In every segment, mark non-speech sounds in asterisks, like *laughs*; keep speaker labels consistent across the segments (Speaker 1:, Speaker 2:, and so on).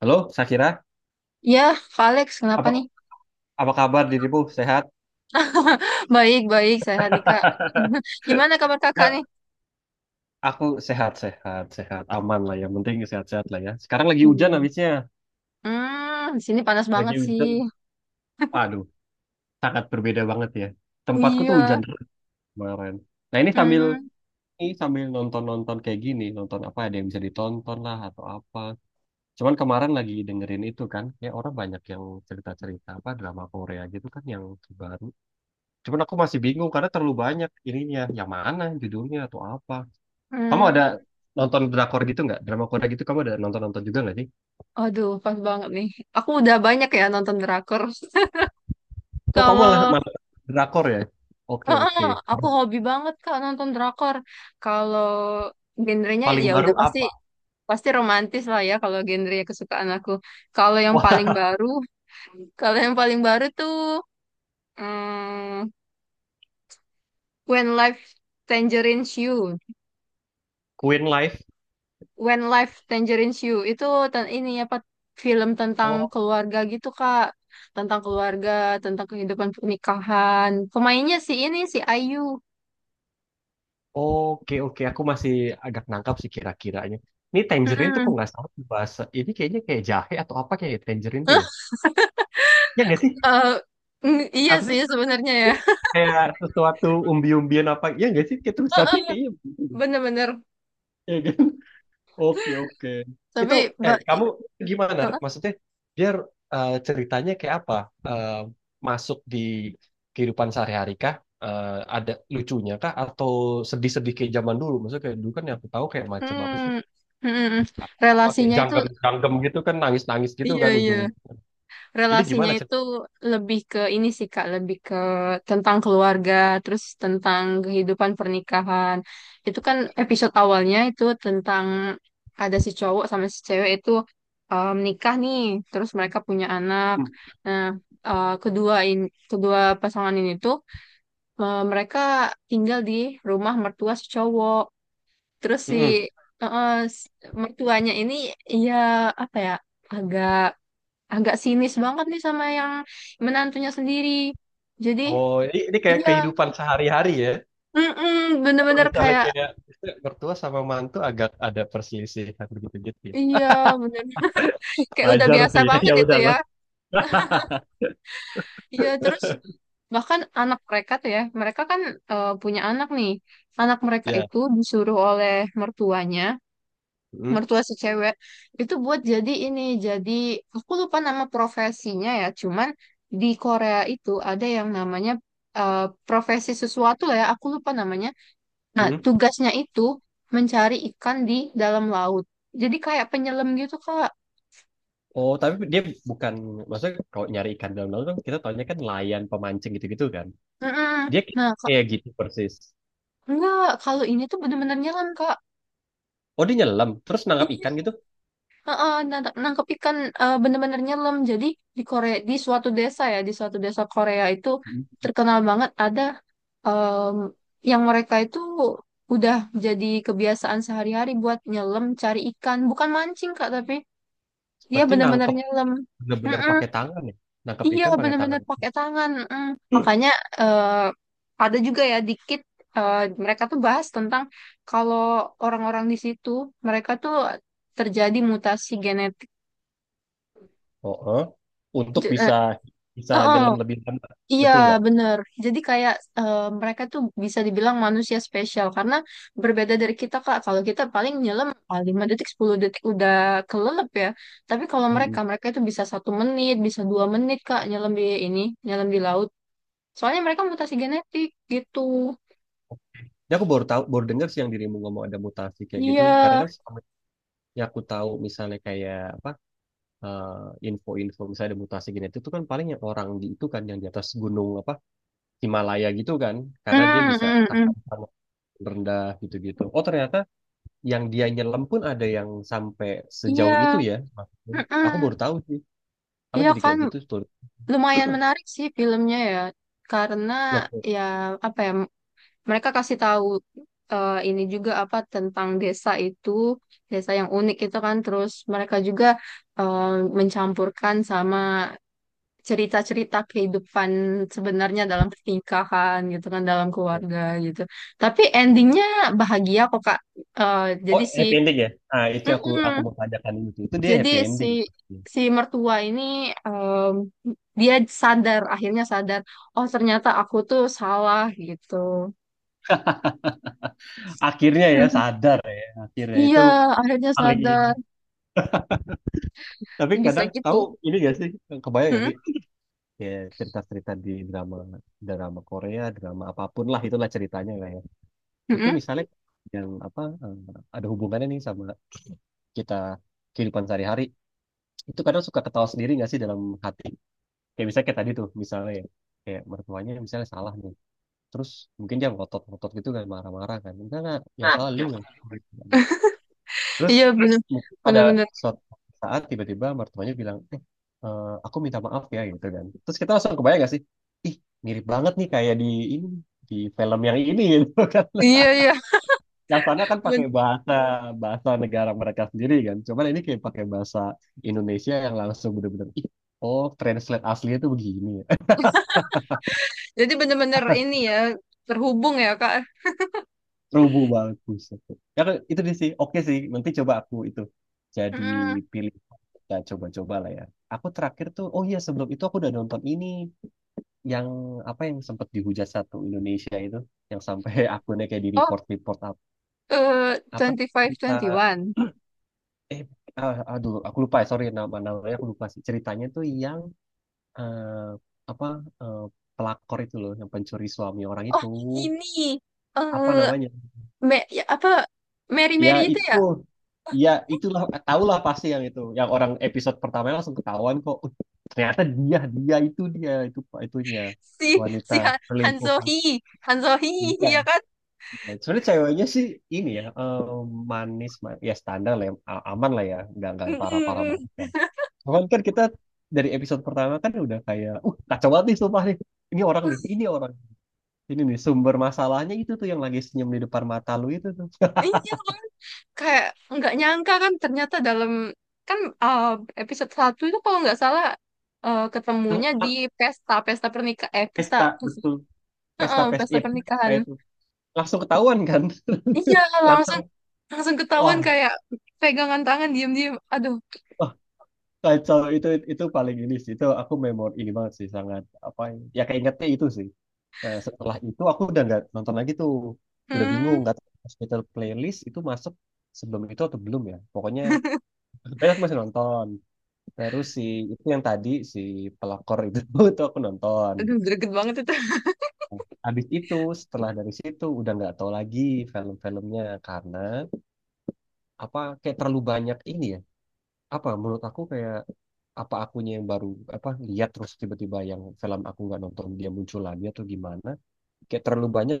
Speaker 1: Halo, Sakira.
Speaker 2: Ya, Kak Alex, kenapa
Speaker 1: Apa
Speaker 2: nih?
Speaker 1: apa kabar dirimu? Sehat?
Speaker 2: *laughs* Baik, baik, sehat nih, Kak.
Speaker 1: *laughs*
Speaker 2: *laughs* Gimana kabar kakak
Speaker 1: Ya,
Speaker 2: nih?
Speaker 1: aku sehat-sehat, sehat, aman lah. Yang penting sehat-sehat lah ya. Sekarang lagi hujan
Speaker 2: Hmm.
Speaker 1: habisnya.
Speaker 2: Di sini panas banget
Speaker 1: Lagi
Speaker 2: sih.
Speaker 1: hujan. Aduh, sangat berbeda banget ya. Tempatku tuh
Speaker 2: Iya.
Speaker 1: hujan terus kemarin. Nah, ini sambil
Speaker 2: Hmm,
Speaker 1: ini sambil nonton-nonton kayak gini, nonton apa ada yang bisa ditonton lah atau apa. Cuman kemarin lagi dengerin itu kan, ya orang banyak yang cerita-cerita apa drama Korea gitu kan yang terbaru. Cuman aku masih bingung karena terlalu banyak ininya. Yang mana judulnya atau apa. Kamu ada
Speaker 2: hmm.
Speaker 1: nonton drakor gitu nggak? Drama Korea gitu kamu ada nonton-nonton juga nggak sih?
Speaker 2: Aduh, pas banget nih. Aku udah banyak ya nonton drakor. *laughs*
Speaker 1: Oh kamu malah
Speaker 2: Kalau
Speaker 1: malah drakor ya? Oke
Speaker 2: Heeh,
Speaker 1: oke.
Speaker 2: aku hobi banget Kak nonton drakor. Kalau genrenya
Speaker 1: Paling
Speaker 2: ya
Speaker 1: baru
Speaker 2: udah pasti
Speaker 1: apa?
Speaker 2: pasti romantis lah ya kalau genre kesukaan aku. Kalau yang paling
Speaker 1: Wah
Speaker 2: baru, Kalau yang paling baru tuh hmm, When Life Tangerines You.
Speaker 1: Queen Life.
Speaker 2: Itu ten- ini apa film tentang
Speaker 1: Oh
Speaker 2: keluarga gitu, Kak. Tentang keluarga, tentang kehidupan pernikahan. Pemainnya si Ayu.
Speaker 1: oke oke. Aku masih agak nangkap sih kira-kiranya. Ini Tangerine tuh kok
Speaker 2: Mm-mm.
Speaker 1: nggak salah tuh bahasa. Ini kayaknya kayak jahe atau apa kayak Tangerine tuh ya? Ya nggak sih?
Speaker 2: Eh, iya
Speaker 1: Apa sih?
Speaker 2: sih sebenarnya
Speaker 1: Ya,
Speaker 2: ya.
Speaker 1: kayak sesuatu umbi-umbian apa? Ya nggak sih? Kayak tulisannya kayaknya.
Speaker 2: Bener-bener.
Speaker 1: Ya, kan? Oke, oke. Itu,
Speaker 2: Tapi ba- eh,
Speaker 1: kamu gimana? Rik? Maksudnya, biar ceritanya kayak apa? Eh, masuk di kehidupan sehari-hari kah? Eh, ada lucunya kah? Atau sedih-sedih kayak zaman dulu? Maksudnya kayak dulu kan yang aku tahu kayak macam apa sih?
Speaker 2: mm, mm, mm.
Speaker 1: Apa kayak
Speaker 2: relasinya itu
Speaker 1: janggem-janggem gitu kan, nangis-nangis gitu
Speaker 2: Iya,
Speaker 1: kan
Speaker 2: iya.
Speaker 1: ujung. Ini
Speaker 2: Relasinya
Speaker 1: gimana
Speaker 2: itu
Speaker 1: cerita?
Speaker 2: lebih ke ini sih Kak, lebih ke tentang keluarga, terus tentang kehidupan pernikahan. Itu kan episode awalnya itu tentang ada si cowok sama si cewek itu menikah nih, terus mereka punya anak.
Speaker 1: Hmm.
Speaker 2: Nah, eh, kedua ini kedua pasangan ini tuh mereka tinggal di rumah mertua si cowok. Terus si
Speaker 1: Mm-mm.
Speaker 2: eh, eh, s- mertuanya ini ya apa ya agak agak sinis banget nih sama yang menantunya sendiri. Jadi,
Speaker 1: Oh, ini kayak
Speaker 2: iya,
Speaker 1: kehidupan sehari-hari ya?
Speaker 2: mm-mm,
Speaker 1: Atau
Speaker 2: bener-bener
Speaker 1: misalnya
Speaker 2: kayak,
Speaker 1: kayak misalnya mertua sama mantu agak ada perselisihan begitu-gitu ya?
Speaker 2: iya, bener, kayak udah
Speaker 1: Wajar
Speaker 2: biasa
Speaker 1: sih, *laughs*
Speaker 2: banget
Speaker 1: ya
Speaker 2: itu ya.
Speaker 1: udahlah. *laughs*
Speaker 2: Iya, terus bahkan anak mereka tuh ya, mereka kan punya anak nih. Anak mereka
Speaker 1: Ya.
Speaker 2: itu disuruh oleh mertuanya,
Speaker 1: Hmm,
Speaker 2: mertua si cewek, itu buat jadi ini, jadi aku lupa nama profesinya ya, cuman di Korea itu ada yang namanya eh, profesi sesuatu lah ya, aku lupa namanya. Nah,
Speaker 1: hmm.
Speaker 2: tugasnya itu mencari ikan di dalam laut. Jadi kayak penyelam gitu, Kak.
Speaker 1: Oh, tapi dia bukan maksudnya kalau nyari ikan dalam laut kan kita taunya kan nelayan pemancing gitu-gitu kan.
Speaker 2: Mm-mm.
Speaker 1: Dia
Speaker 2: Nah, Kak,
Speaker 1: kayak gitu persis.
Speaker 2: enggak, kalau ini tuh bener-bener nyelam, Kak.
Speaker 1: Oh, dia nyelam terus nangkap ikan
Speaker 2: Iya,
Speaker 1: gitu.
Speaker 2: heeh, nangkep ikan, bener-bener nyelam. Jadi di Korea, di suatu desa ya, di suatu desa Korea itu
Speaker 1: Hmm.
Speaker 2: terkenal banget ada em, yang mereka itu udah jadi kebiasaan sehari-hari buat nyelam, cari ikan. Bukan mancing, Kak, tapi dia
Speaker 1: Berarti
Speaker 2: bener-bener
Speaker 1: nangkep
Speaker 2: nyelam.
Speaker 1: bener-bener
Speaker 2: Mm-mm.
Speaker 1: pakai tangan ya. Nangkep
Speaker 2: Iya,
Speaker 1: ikan pakai
Speaker 2: bener-bener
Speaker 1: tangan.
Speaker 2: pakai tangan. Mm.
Speaker 1: *clears throat*
Speaker 2: Makanya eh, ada juga ya dikit, eh, mereka tuh bahas tentang kalau orang-orang di situ mereka tuh terjadi mutasi genetik.
Speaker 1: Oh, oh. Untuk
Speaker 2: Je- eh,
Speaker 1: bisa bisa
Speaker 2: eh, eh,
Speaker 1: nyelam lebih lama.
Speaker 2: iya,
Speaker 1: Betul nggak?
Speaker 2: bener. Jadi kayak mereka tuh bisa dibilang manusia spesial karena berbeda dari kita, Kak. Kalau kita paling nyelam, 5 detik, 10 detik udah kelelep ya. Tapi kalau
Speaker 1: Hmm.
Speaker 2: mereka itu bisa 1 menit, bisa 2 menit, Kak, nyelam di laut. Soalnya mereka mutasi genetik gitu.
Speaker 1: Ya aku baru tahu, baru dengar sih yang dirimu ngomong ada mutasi kayak gitu.
Speaker 2: Iya.
Speaker 1: Karena kan selama yang aku tahu misalnya kayak apa eh, info-info misalnya ada mutasi genetik itu kan paling yang orang di itu kan yang di atas gunung apa Himalaya gitu kan karena dia
Speaker 2: Hmm,
Speaker 1: bisa
Speaker 2: hmm, hmm.
Speaker 1: tahan panas rendah gitu-gitu. Oh ternyata yang dia nyelam pun ada yang sampai sejauh itu
Speaker 2: Iya.
Speaker 1: ya. Maksudnya. Aku baru
Speaker 2: Mm-mm.
Speaker 1: tahu sih. Aku
Speaker 2: Iya
Speaker 1: jadi kayak
Speaker 2: kan
Speaker 1: gitu tuh.
Speaker 2: lumayan menarik sih filmnya ya. Karena
Speaker 1: Oke.
Speaker 2: ya apa ya mereka kasih tahu, ini juga apa tentang desa itu, desa yang unik itu kan, terus mereka juga eh, mencampurkan sama cerita-cerita kehidupan sebenarnya dalam pernikahan gitu kan, dalam keluarga gitu, tapi endingnya bahagia kok, Kak. Eh,
Speaker 1: Oh
Speaker 2: jadi si
Speaker 1: happy ending ya? Ah itu yang aku
Speaker 2: Mm-mm.
Speaker 1: mau tanyakan itu. Itu dia
Speaker 2: jadi
Speaker 1: happy
Speaker 2: si
Speaker 1: ending.
Speaker 2: si mertua ini, em, dia sadar, akhirnya sadar, oh ternyata aku tuh salah gitu.
Speaker 1: Akhirnya ya
Speaker 2: *laughs*
Speaker 1: sadar ya. Akhirnya itu
Speaker 2: Iya, akhirnya
Speaker 1: paling ini.
Speaker 2: sadar
Speaker 1: Tapi
Speaker 2: bisa
Speaker 1: kadang kamu
Speaker 2: gitu.
Speaker 1: ini gak sih kebayang gak
Speaker 2: Mm-mm.
Speaker 1: sih ya cerita-cerita di drama drama Korea drama apapun lah itulah ceritanya lah ya itu
Speaker 2: Mm-mm.
Speaker 1: misalnya yang apa ada hubungannya nih sama kita kehidupan sehari-hari itu kadang suka ketawa sendiri nggak sih dalam hati kayak misalnya kayak tadi tuh misalnya ya kayak mertuanya misalnya salah nih terus mungkin dia ngotot-ngotot gitu kan marah-marah kan enggak yang
Speaker 2: Nah,
Speaker 1: salah lu kan gitu. Terus
Speaker 2: iya, terus
Speaker 1: mungkin
Speaker 2: bener
Speaker 1: pada
Speaker 2: bener-bener
Speaker 1: suatu saat tiba-tiba mertuanya bilang, aku minta maaf ya gitu kan. Terus kita langsung kebayang gak sih? Ih, mirip banget nih kayak di ini di film yang ini gitu kan.
Speaker 2: iya,
Speaker 1: *laughs*
Speaker 2: iya.
Speaker 1: Yang sana kan pakai
Speaker 2: Ben-
Speaker 1: bahasa bahasa negara mereka sendiri kan. Cuman ini kayak pakai bahasa Indonesia yang langsung bener-bener, ih, oh translate aslinya tuh begini.
Speaker 2: jadi bener-bener ini ya, terhubung ya, Kak.
Speaker 1: Rubuh banget buset. Ya kan, itu dia sih. Oke sih, nanti coba aku itu jadi
Speaker 2: Hmm.
Speaker 1: pilih kita coba-coba lah ya. Aku terakhir tuh, oh iya sebelum itu aku udah nonton ini yang apa yang sempat dihujat satu Indonesia itu yang sampai *laughs* akunnya kayak di
Speaker 2: Oh,
Speaker 1: report report apa,
Speaker 2: eh,
Speaker 1: apa
Speaker 2: twenty five
Speaker 1: kita
Speaker 2: twenty one.
Speaker 1: eh ah, aduh aku lupa ya sorry nama namanya aku lupa sih ceritanya tuh yang apa eh, pelakor itu loh yang pencuri suami orang
Speaker 2: Oh,
Speaker 1: itu
Speaker 2: ini.
Speaker 1: apa
Speaker 2: Eh,
Speaker 1: namanya.
Speaker 2: ya, apa? Mary
Speaker 1: Ya
Speaker 2: Mary itu ya?
Speaker 1: itu, ya itulah tahulah pasti yang itu, yang orang episode pertama langsung ketahuan kok. Ternyata dia itu pak itunya
Speaker 2: Si,
Speaker 1: wanita
Speaker 2: si Han
Speaker 1: selingkuh. Nah,
Speaker 2: Sohee. Han Sohee, ya
Speaker 1: iya.
Speaker 2: kan?
Speaker 1: Sebenarnya ceweknya sih ini ya manis, ma- ya standar lah, ya, a- aman lah ya, nggak yang
Speaker 2: Mm,
Speaker 1: parah-parah banget
Speaker 2: mm,
Speaker 1: kan. Cuman kan kita dari episode pertama kan udah kayak, kacau banget nih sumpah nih. Ini orang
Speaker 2: mm.
Speaker 1: nih, ini orang, ini nih sumber masalahnya itu tuh yang lagi senyum di depan mata lu itu tuh.
Speaker 2: Iya kan? Kayak nggak nyangka kan ternyata dalam. Kan episode 1 itu kalau nggak salah ketemunya di
Speaker 1: *laughs*
Speaker 2: pesta. Pesta pernikahan. Eh, pesta...
Speaker 1: Pesta,
Speaker 2: pesta
Speaker 1: betul.
Speaker 2: Heeh,
Speaker 1: Pesta pesta
Speaker 2: pesta
Speaker 1: ya pesta
Speaker 2: pernikahan.
Speaker 1: itu langsung ketahuan kan
Speaker 2: Iya, langsung
Speaker 1: langsung
Speaker 2: langsung ketahuan
Speaker 1: wah
Speaker 2: kayak pegangan tangan diam-diam. Aduh.
Speaker 1: wah kacau itu paling ini sih itu aku memori ini banget sih sangat apa ya ya keingetnya itu sih. Nah, setelah itu aku udah nggak nonton lagi tuh udah bingung
Speaker 2: Hmm.
Speaker 1: nggak tahu hospital playlist itu masuk sebelum itu atau belum ya pokoknya sebenarnya aku masih nonton terus si itu yang tadi si pelakor itu *laughs* itu aku nonton.
Speaker 2: Aduh, greget banget itu.
Speaker 1: Habis itu setelah dari situ udah nggak tahu lagi film-filmnya karena apa kayak terlalu banyak ini apa menurut aku kayak apa akunya yang baru apa lihat terus tiba-tiba yang film aku nggak nonton dia muncul lagi atau gimana kayak terlalu banyak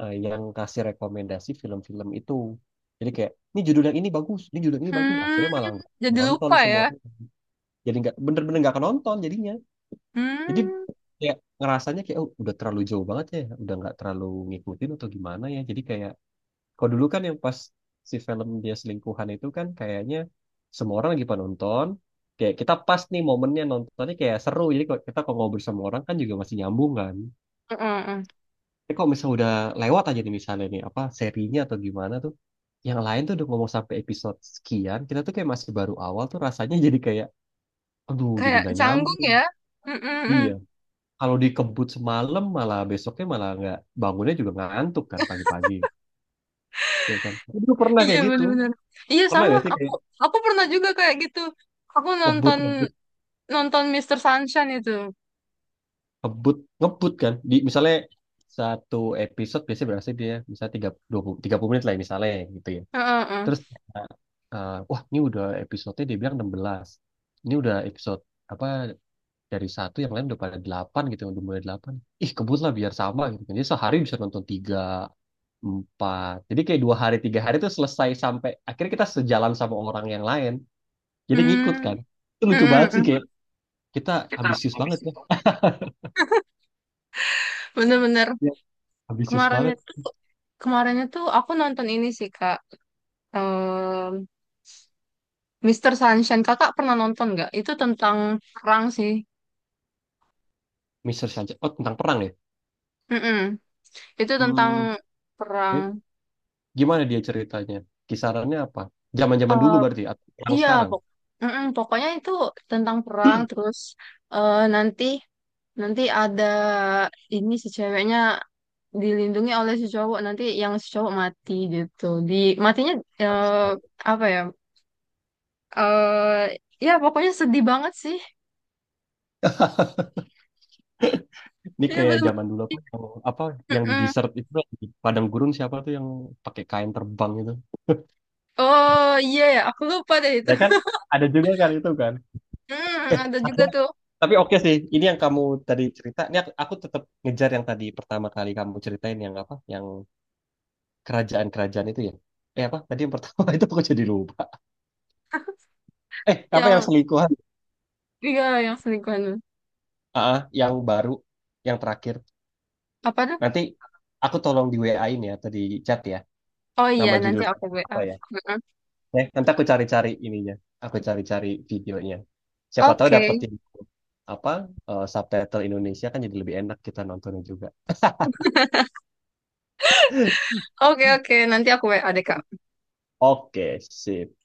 Speaker 1: yang kasih rekomendasi film-film itu jadi kayak ini judul yang ini bagus ini judul yang ini bagus
Speaker 2: Hmm,
Speaker 1: akhirnya malah nggak
Speaker 2: jadi
Speaker 1: nonton
Speaker 2: lupa ya.
Speaker 1: semua jadi nggak bener-bener nggak nonton jadinya jadi
Speaker 2: Hmm,
Speaker 1: kayak ngerasanya kayak oh, udah terlalu jauh banget ya udah nggak terlalu ngikutin atau gimana ya jadi kayak kalau dulu kan yang pas si film dia selingkuhan itu kan kayaknya semua orang lagi pada nonton. Kayak kita pas nih momennya nontonnya kayak seru. Jadi kalau kita kalau ngobrol sama orang kan juga masih nyambung kan.
Speaker 2: heeh, heeh.
Speaker 1: Tapi kalau misalnya udah lewat aja nih misalnya nih apa serinya atau gimana tuh. Yang lain tuh udah ngomong sampai episode sekian. Kita tuh kayak masih baru awal tuh rasanya *laughs* jadi kayak aduh jadi
Speaker 2: Kayak
Speaker 1: nggak
Speaker 2: canggung
Speaker 1: nyambung.
Speaker 2: ya. Mm, mm, mm.
Speaker 1: Iya. Kalau dikebut semalam malah besoknya malah nggak bangunnya juga ngantuk kan pagi-pagi. Ya kan. Dulu pernah
Speaker 2: Iya
Speaker 1: kayak gitu.
Speaker 2: benar-benar. Iya
Speaker 1: Pernah
Speaker 2: sama.
Speaker 1: gak sih
Speaker 2: Aku
Speaker 1: kayak
Speaker 2: aku pernah juga kayak gitu. Aku
Speaker 1: ngebut
Speaker 2: nonton nonton Mister Sunshine itu.
Speaker 1: ngebut ngebut kan di misalnya satu episode biasanya berapa sih dia misalnya tiga 20 30 menit lah ya, misalnya gitu ya
Speaker 2: Heeh, heeh.
Speaker 1: terus eh, wah ini udah episodenya dia bilang 16 ini udah episode apa dari satu yang lain udah pada delapan gitu udah mulai delapan ih kebut lah biar sama gitu kan jadi sehari bisa nonton tiga empat jadi kayak dua hari tiga hari itu selesai sampai akhirnya kita sejalan sama orang yang lain jadi ngikut
Speaker 2: Hmm,
Speaker 1: kan itu
Speaker 2: mm,
Speaker 1: lucu
Speaker 2: mm,
Speaker 1: banget sih kayak
Speaker 2: mm.
Speaker 1: kita
Speaker 2: Kita
Speaker 1: ambisius
Speaker 2: habis
Speaker 1: banget ya.
Speaker 2: itu. Bener-bener
Speaker 1: Iya. Ambisius
Speaker 2: kemarin
Speaker 1: banget.
Speaker 2: itu kemarin itu aku nonton ini sih, Kak. Em, Mr. Sunshine. Kakak pernah nonton nggak? Itu tentang perang sih.
Speaker 1: Mr. Sanchez. Oh, tentang perang ya?
Speaker 2: Mm-mm. Itu tentang
Speaker 1: Hmm,
Speaker 2: perang.
Speaker 1: eh, gimana dia ceritanya? Kisarannya apa? Zaman-zaman
Speaker 2: eh
Speaker 1: dulu berarti atau perang
Speaker 2: iya,
Speaker 1: sekarang?
Speaker 2: Mm-mm, pokoknya itu tentang perang. Terus eh, nanti nanti ada ini si ceweknya dilindungi oleh si cowok. Nanti yang si cowok mati gitu. Di matinya eh,
Speaker 1: Astaga.
Speaker 2: apa ya? eh Ya pokoknya sedih banget sih.
Speaker 1: Ini
Speaker 2: Iya
Speaker 1: kayak
Speaker 2: benar-benar.
Speaker 1: zaman dulu apa yang di
Speaker 2: Mm-mm.
Speaker 1: desert itu di padang gurun siapa tuh yang pakai kain terbang itu?
Speaker 2: Oh iya ya, aku lupa deh itu.
Speaker 1: Ya kan?
Speaker 2: *laughs*
Speaker 1: Ada juga kan itu kan?
Speaker 2: Mm,
Speaker 1: Eh,
Speaker 2: ada juga
Speaker 1: Satya.
Speaker 2: tuh,
Speaker 1: Tapi oke sih. Ini yang kamu tadi cerita. Ini aku tetap ngejar yang tadi pertama kali kamu ceritain yang apa? Yang kerajaan-kerajaan itu ya? Eh apa? Tadi yang pertama *laughs* itu aku jadi lupa. Eh apa yang
Speaker 2: yang
Speaker 1: selingkuhan?
Speaker 2: iya, yang selingkuhan.
Speaker 1: Ah, ah, yang baru, yang terakhir.
Speaker 2: Apa tuh?
Speaker 1: Nanti aku tolong di WA-in ya atau di chat ya.
Speaker 2: Oh iya
Speaker 1: Nama
Speaker 2: nanti
Speaker 1: judul
Speaker 2: aku
Speaker 1: film
Speaker 2: WA.
Speaker 1: apa ya? Eh, nanti aku cari-cari ininya. Aku cari-cari videonya. Siapa tahu
Speaker 2: Oke,
Speaker 1: dapetin apa subtitle Indonesia kan jadi lebih enak kita nontonnya juga.
Speaker 2: oke, oke. Nanti aku WA deh, Kak.
Speaker 1: Oke, sip.